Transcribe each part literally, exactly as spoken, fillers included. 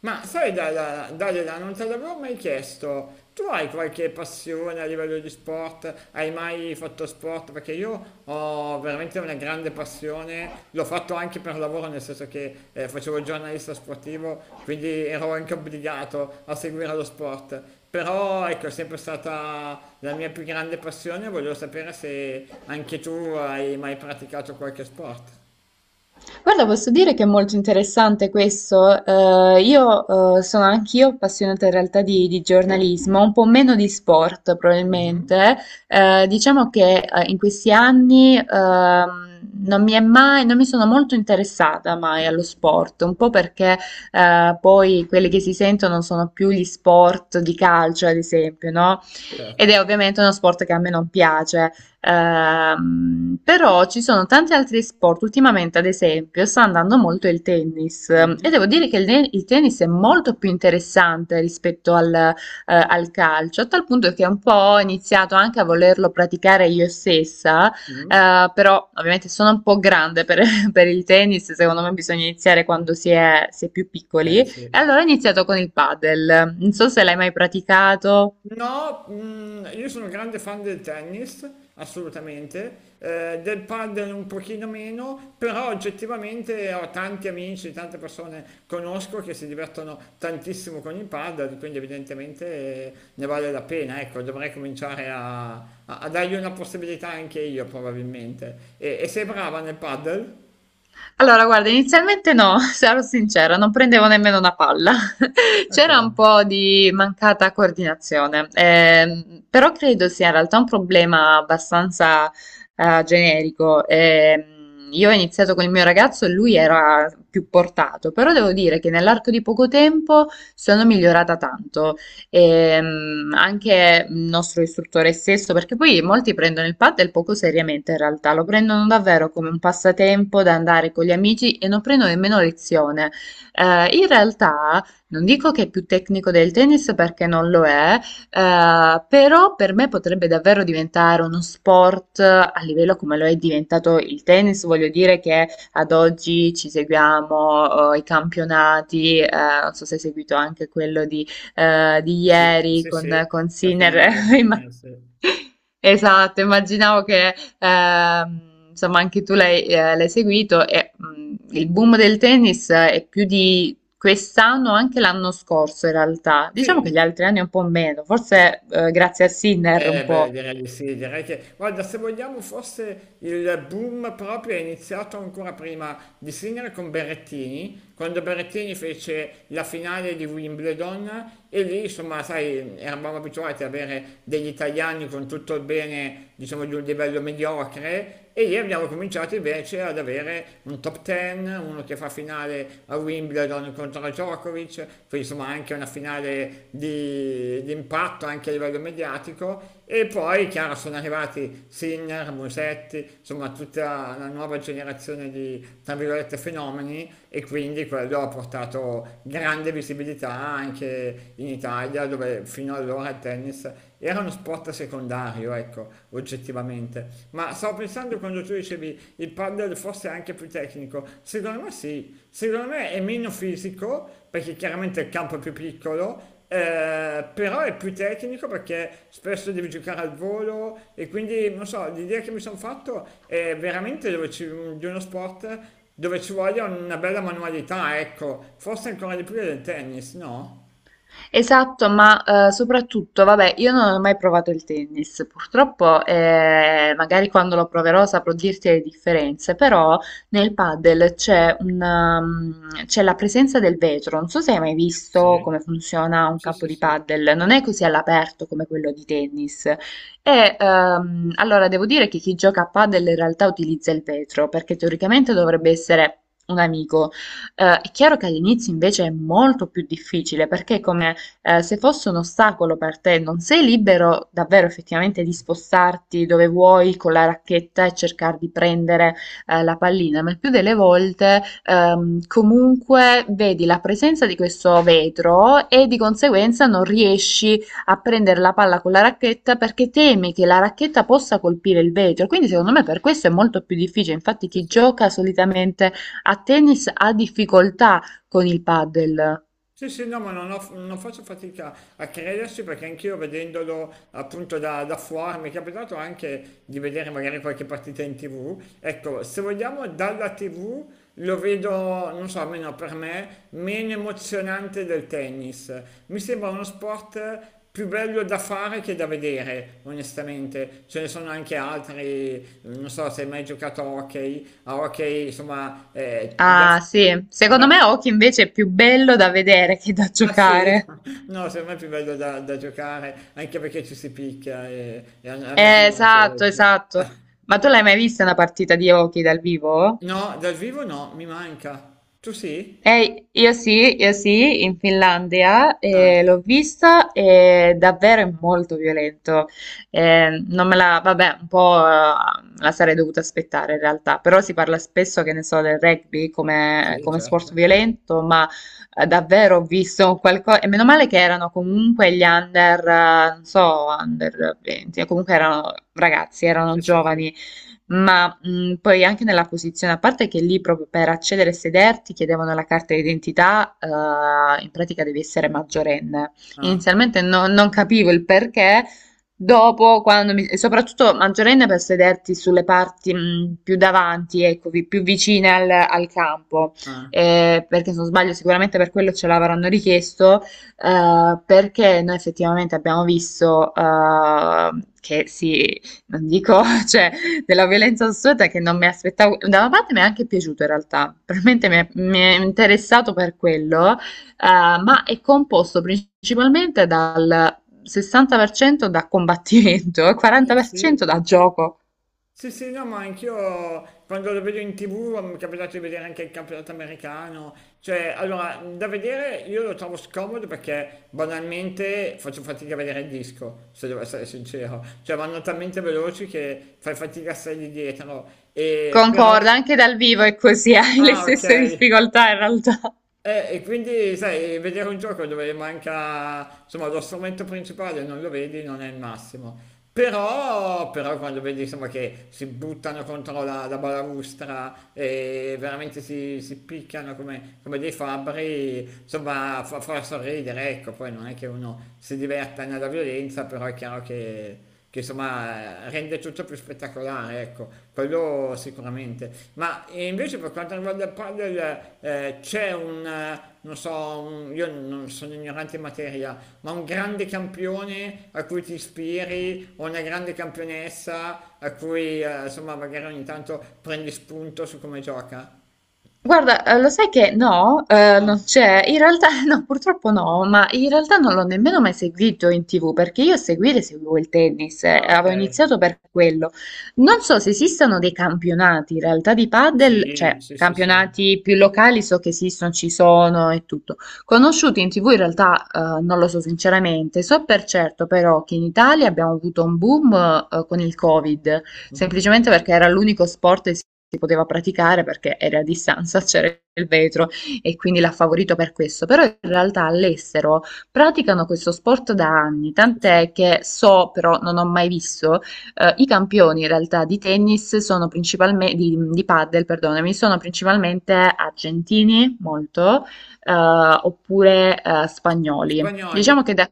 Ma sai, Dalila, Dalila, non te l'avevo mai chiesto. Tu hai qualche passione a livello di sport? Hai mai fatto sport? Perché io ho veramente una grande passione, l'ho fatto anche per lavoro, nel senso che eh, facevo il giornalista sportivo, quindi ero anche obbligato a seguire lo sport. Però ecco, è sempre stata la mia più grande passione, volevo sapere se anche tu hai mai praticato qualche sport. Guarda, posso dire che è molto interessante questo. Eh, io eh, sono anch'io appassionata in realtà di, di giornalismo, un po' meno di sport Mhm, probabilmente. Eh, diciamo che eh, in questi anni, ehm, non mi è mai, non mi sono molto interessata mai allo sport, un po' perché eh, poi quelli che si sentono sono più gli sport di calcio, ad esempio, no? Ed certo. è ovviamente uno sport che a me non piace. Ehm, però ci sono tanti altri sport, ultimamente ad esempio sta andando molto il tennis e Mhm, devo dire che il, ne- il tennis è molto più interessante rispetto al, eh, al calcio, a tal punto che un po' ho iniziato anche a volerlo praticare io stessa, mhm. eh, però ovviamente sono un po' grande per, per il tennis, secondo me bisogna iniziare quando si è, si è più piccoli. Eh E sì. allora ho iniziato con il padel. Non so se l'hai mai praticato. No, mm, io sono un grande fan del tennis, assolutamente, eh, del padel un pochino meno, però oggettivamente ho tanti amici, tante persone conosco che si divertono tantissimo con il padel, quindi evidentemente eh, ne vale la pena, ecco, dovrei cominciare a, a- a dargli una possibilità anche io probabilmente. E, e sei brava nel padel? Allora, guarda, inizialmente no, sarò sincera, non prendevo nemmeno una palla. Ok. C'era un po' di mancata coordinazione, ehm, però credo sia in realtà un problema abbastanza eh, generico. Ehm, io ho iniziato con il mio ragazzo e lui era più portato, però devo dire che nell'arco di poco tempo sono migliorata tanto, ehm, anche il nostro istruttore stesso, perché poi molti prendono il paddle poco seriamente in realtà, lo prendono davvero come un passatempo da andare con gli amici e non prendono nemmeno lezione. Eh, in realtà non dico che è più tecnico del tennis perché non lo è, eh, però per me potrebbe davvero diventare uno sport a livello come lo è diventato il tennis, voglio dire che ad oggi ci seguiamo eh, i campionati, eh, non so se hai seguito anche quello di eh, di Sì, ieri sì, con, sì, con la Sinner. finale. Imma- Eh, sì. Esatto, immaginavo che, ehm, insomma anche tu l'hai eh, l'hai seguito e mh, il boom del tennis è più di quest'anno, anche l'anno scorso in realtà. Diciamo che gli altri anni un po' meno, Sì, forse eh, grazie a Sinner un eh beh, po'. direi di sì, direi che, guarda, se vogliamo, forse il boom proprio è iniziato ancora prima di Sinner con Berrettini, quando Berrettini fece la finale di Wimbledon e lì, insomma, sai, eravamo abituati ad avere degli italiani con tutto il bene, diciamo, di un livello mediocre e lì abbiamo cominciato invece ad avere un top dieci, uno che fa finale a Wimbledon Wimbledon contro Djokovic, poi insomma anche una finale di, di impatto anche a livello mediatico e poi chiaro sono arrivati Sinner, Musetti, insomma tutta la nuova generazione di tra virgolette fenomeni e quindi quello ha portato grande visibilità anche in Italia dove fino allora il tennis era uno sport secondario, ecco, oggettivamente. Ma stavo pensando quando tu dicevi il paddle forse è anche più tecnico, secondo me sì, secondo me è meno fisico perché chiaramente il campo è più piccolo, eh, però è più tecnico perché spesso devi giocare al volo e quindi non so, l'idea che mi sono fatto è veramente dove ci, di uno sport dove ci voglia una bella manualità, ecco, forse ancora di più del tennis, no? Esatto, ma eh, soprattutto, vabbè, io non ho mai provato il tennis, purtroppo, eh, magari quando lo proverò saprò dirti le differenze, però nel padel c'è un, um, c'è la presenza del vetro, non so se hai mai visto come Sì, funziona un sì, campo sì, di sì, padel, non è così all'aperto come quello di tennis. E ehm, allora devo dire che chi gioca a padel in realtà utilizza il vetro, perché teoricamente dovrebbe essere un amico. Eh, è chiaro che all'inizio invece è molto più difficile, perché come eh, se fosse un ostacolo per te, non sei libero davvero effettivamente di spostarti dove vuoi con la racchetta e cercare di prendere eh, la pallina, ma il più delle volte, ehm, comunque vedi la presenza di questo vetro e di conseguenza non riesci a prendere la palla con la racchetta perché temi che la racchetta possa colpire il vetro. Quindi secondo me per questo è molto più difficile. Infatti sì, chi sì. gioca solitamente a tennis ha difficoltà con il paddle. Sì, sì, no, ma non, ho- non faccio fatica a crederci perché anch'io vedendolo appunto da, da fuori mi è capitato anche di vedere magari qualche partita in T V. Ecco, se vogliamo dalla T V lo vedo, non so, almeno per me, meno emozionante del tennis. Mi sembra uno sport più bello da fare che da vedere, onestamente. Ce ne sono anche altri, non so se hai mai giocato a hockey, a hockey, insomma, eh, da... Ah, sì. Da, Secondo me hockey invece è più bello da vedere che da ah sì? giocare. No, secondo me è più bello da, da giocare, anche perché ci si picchia e, e a, a me Eh, piace, esatto, ecco. esatto. Ma tu l'hai mai vista una partita di hockey dal vivo? No, dal vivo no, mi manca. Tu sì? Eh, io sì, io sì, in Finlandia Ah, eh, l'ho vista e davvero è molto violento. Eh, non me la, vabbè, un po' eh, me la sarei dovuta aspettare in realtà, però si parla spesso, che ne so, del rugby come, sì, come sport certo. violento, ma eh, davvero ho visto qualcosa, e meno male che erano comunque gli under, eh, non so, under venti, comunque erano ragazzi, erano Sì, sì, sì. giovani ma mh, poi anche nella posizione, a parte che lì proprio per accedere e sederti chiedevano la carta d'identità, eh, in pratica devi essere maggiorenne. Ah, Inizialmente no- non capivo il perché, dopo quando mi, e soprattutto maggiorenne per sederti sulle parti mh, più davanti, ecco, vi- più vicine al, al campo. ah. Eh, perché se non sbaglio sicuramente per quello ce l'avranno richiesto, eh, perché noi effettivamente abbiamo visto eh, che si, non dico, cioè della violenza assoluta che non mi aspettavo. Da una parte mi è anche piaciuto in realtà, probabilmente mi è, mi è interessato per quello, eh, ma è composto principalmente dal sessanta per cento da combattimento e Eh sì, quaranta per cento da gioco. sì, sì, no, ma anch'io quando lo vedo in T V mi è capitato di vedere anche il campionato americano, cioè, allora, da vedere io lo trovo scomodo perché banalmente faccio fatica a vedere il disco, se devo essere sincero, cioè vanno talmente veloci che fai fatica a stare lì dietro, e però... Concorda, anche dal vivo è così, hai le Ah, ok. stesse difficoltà in realtà. Eh, e quindi, sai, vedere un gioco dove manca, insomma, lo strumento principale non lo vedi non è il massimo. Però, però quando vedi insomma, che si buttano contro la, la balaustra e veramente si, si picchiano come, come dei fabbri, insomma fa, fa sorridere, ecco, poi non è che uno si diverta nella violenza, però è chiaro che, che, insomma rende tutto più spettacolare, ecco, quello sicuramente. Ma eh, invece per quanto riguarda il padel eh, c'è un, eh, non so, un- io non sono ignorante in materia, ma un grande campione a cui ti ispiri o una grande campionessa a cui eh, insomma magari ogni tanto prendi spunto su come gioca? Guarda, eh, lo sai che no, eh, Ah, non c'è, in realtà no, purtroppo no, ma in realtà non l'ho nemmeno mai seguito in T V perché io a seguire seguivo il tennis, eh, ah, ok. avevo iniziato per quello. Non so se esistano dei campionati in realtà di padel, Sì, cioè sì, sì, sì. campionati più locali, so che esistono, ci sono e tutto. Conosciuti in T V in realtà, eh, non lo so sinceramente, so per certo però che in Italia abbiamo avuto un boom eh, con il Covid, Mhm, semplicemente perché era l'unico sport che si si poteva praticare perché era a distanza, c'era il vetro e quindi l'ha favorito per questo. Però in realtà all'estero praticano questo sport da anni, sì, sì. tant'è che so, però non ho mai visto, eh, i campioni in realtà di tennis sono principalmente, di, di padel, perdonami, sono principalmente argentini, molto, eh, oppure eh, spagnoli. Spagnoli, Diciamo che da...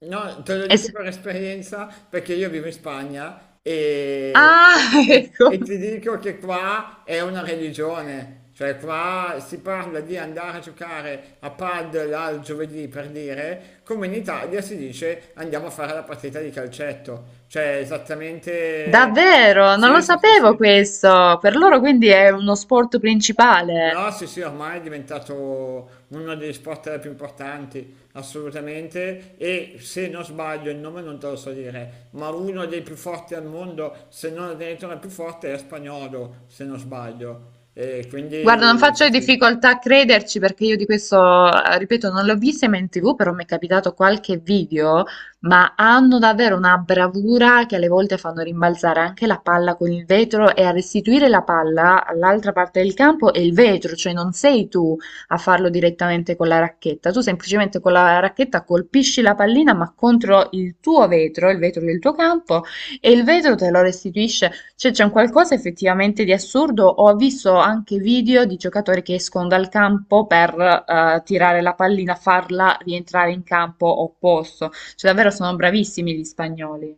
no, te lo dico es- per esperienza perché io vivo in Spagna e, e- Ah, e- ecco. e ti dico che qua è una religione, cioè qua si parla di andare a giocare a padel al giovedì per dire, come in Italia si dice andiamo a fare la partita di calcetto, cioè esattamente... Davvero, non lo Sì, sì, sì, sapevo sì. questo. Per loro quindi è uno sport principale. No, sì, sì, ormai è diventato uno degli sport più importanti, assolutamente. E se non sbaglio, il nome non te lo so dire, ma uno dei più forti al mondo, se non addirittura il più forte, è spagnolo, se non sbaglio. E Guarda, non quindi sì, faccio sì. difficoltà a crederci perché io di questo, eh, ripeto, non l'ho vista mai in T V, però mi è capitato qualche video, ma hanno davvero una bravura che alle volte fanno rimbalzare anche la palla con il vetro e a restituire la palla all'altra parte del campo è il vetro, cioè non sei tu a farlo direttamente con la racchetta, tu semplicemente con la racchetta colpisci la pallina ma contro il tuo vetro, il vetro del tuo campo, e il vetro te lo restituisce, cioè c'è un qualcosa effettivamente di assurdo. Ho visto anche video di giocatori che escono dal campo per eh, tirare la pallina, farla rientrare in campo opposto. Cioè davvero sono bravissimi gli spagnoli.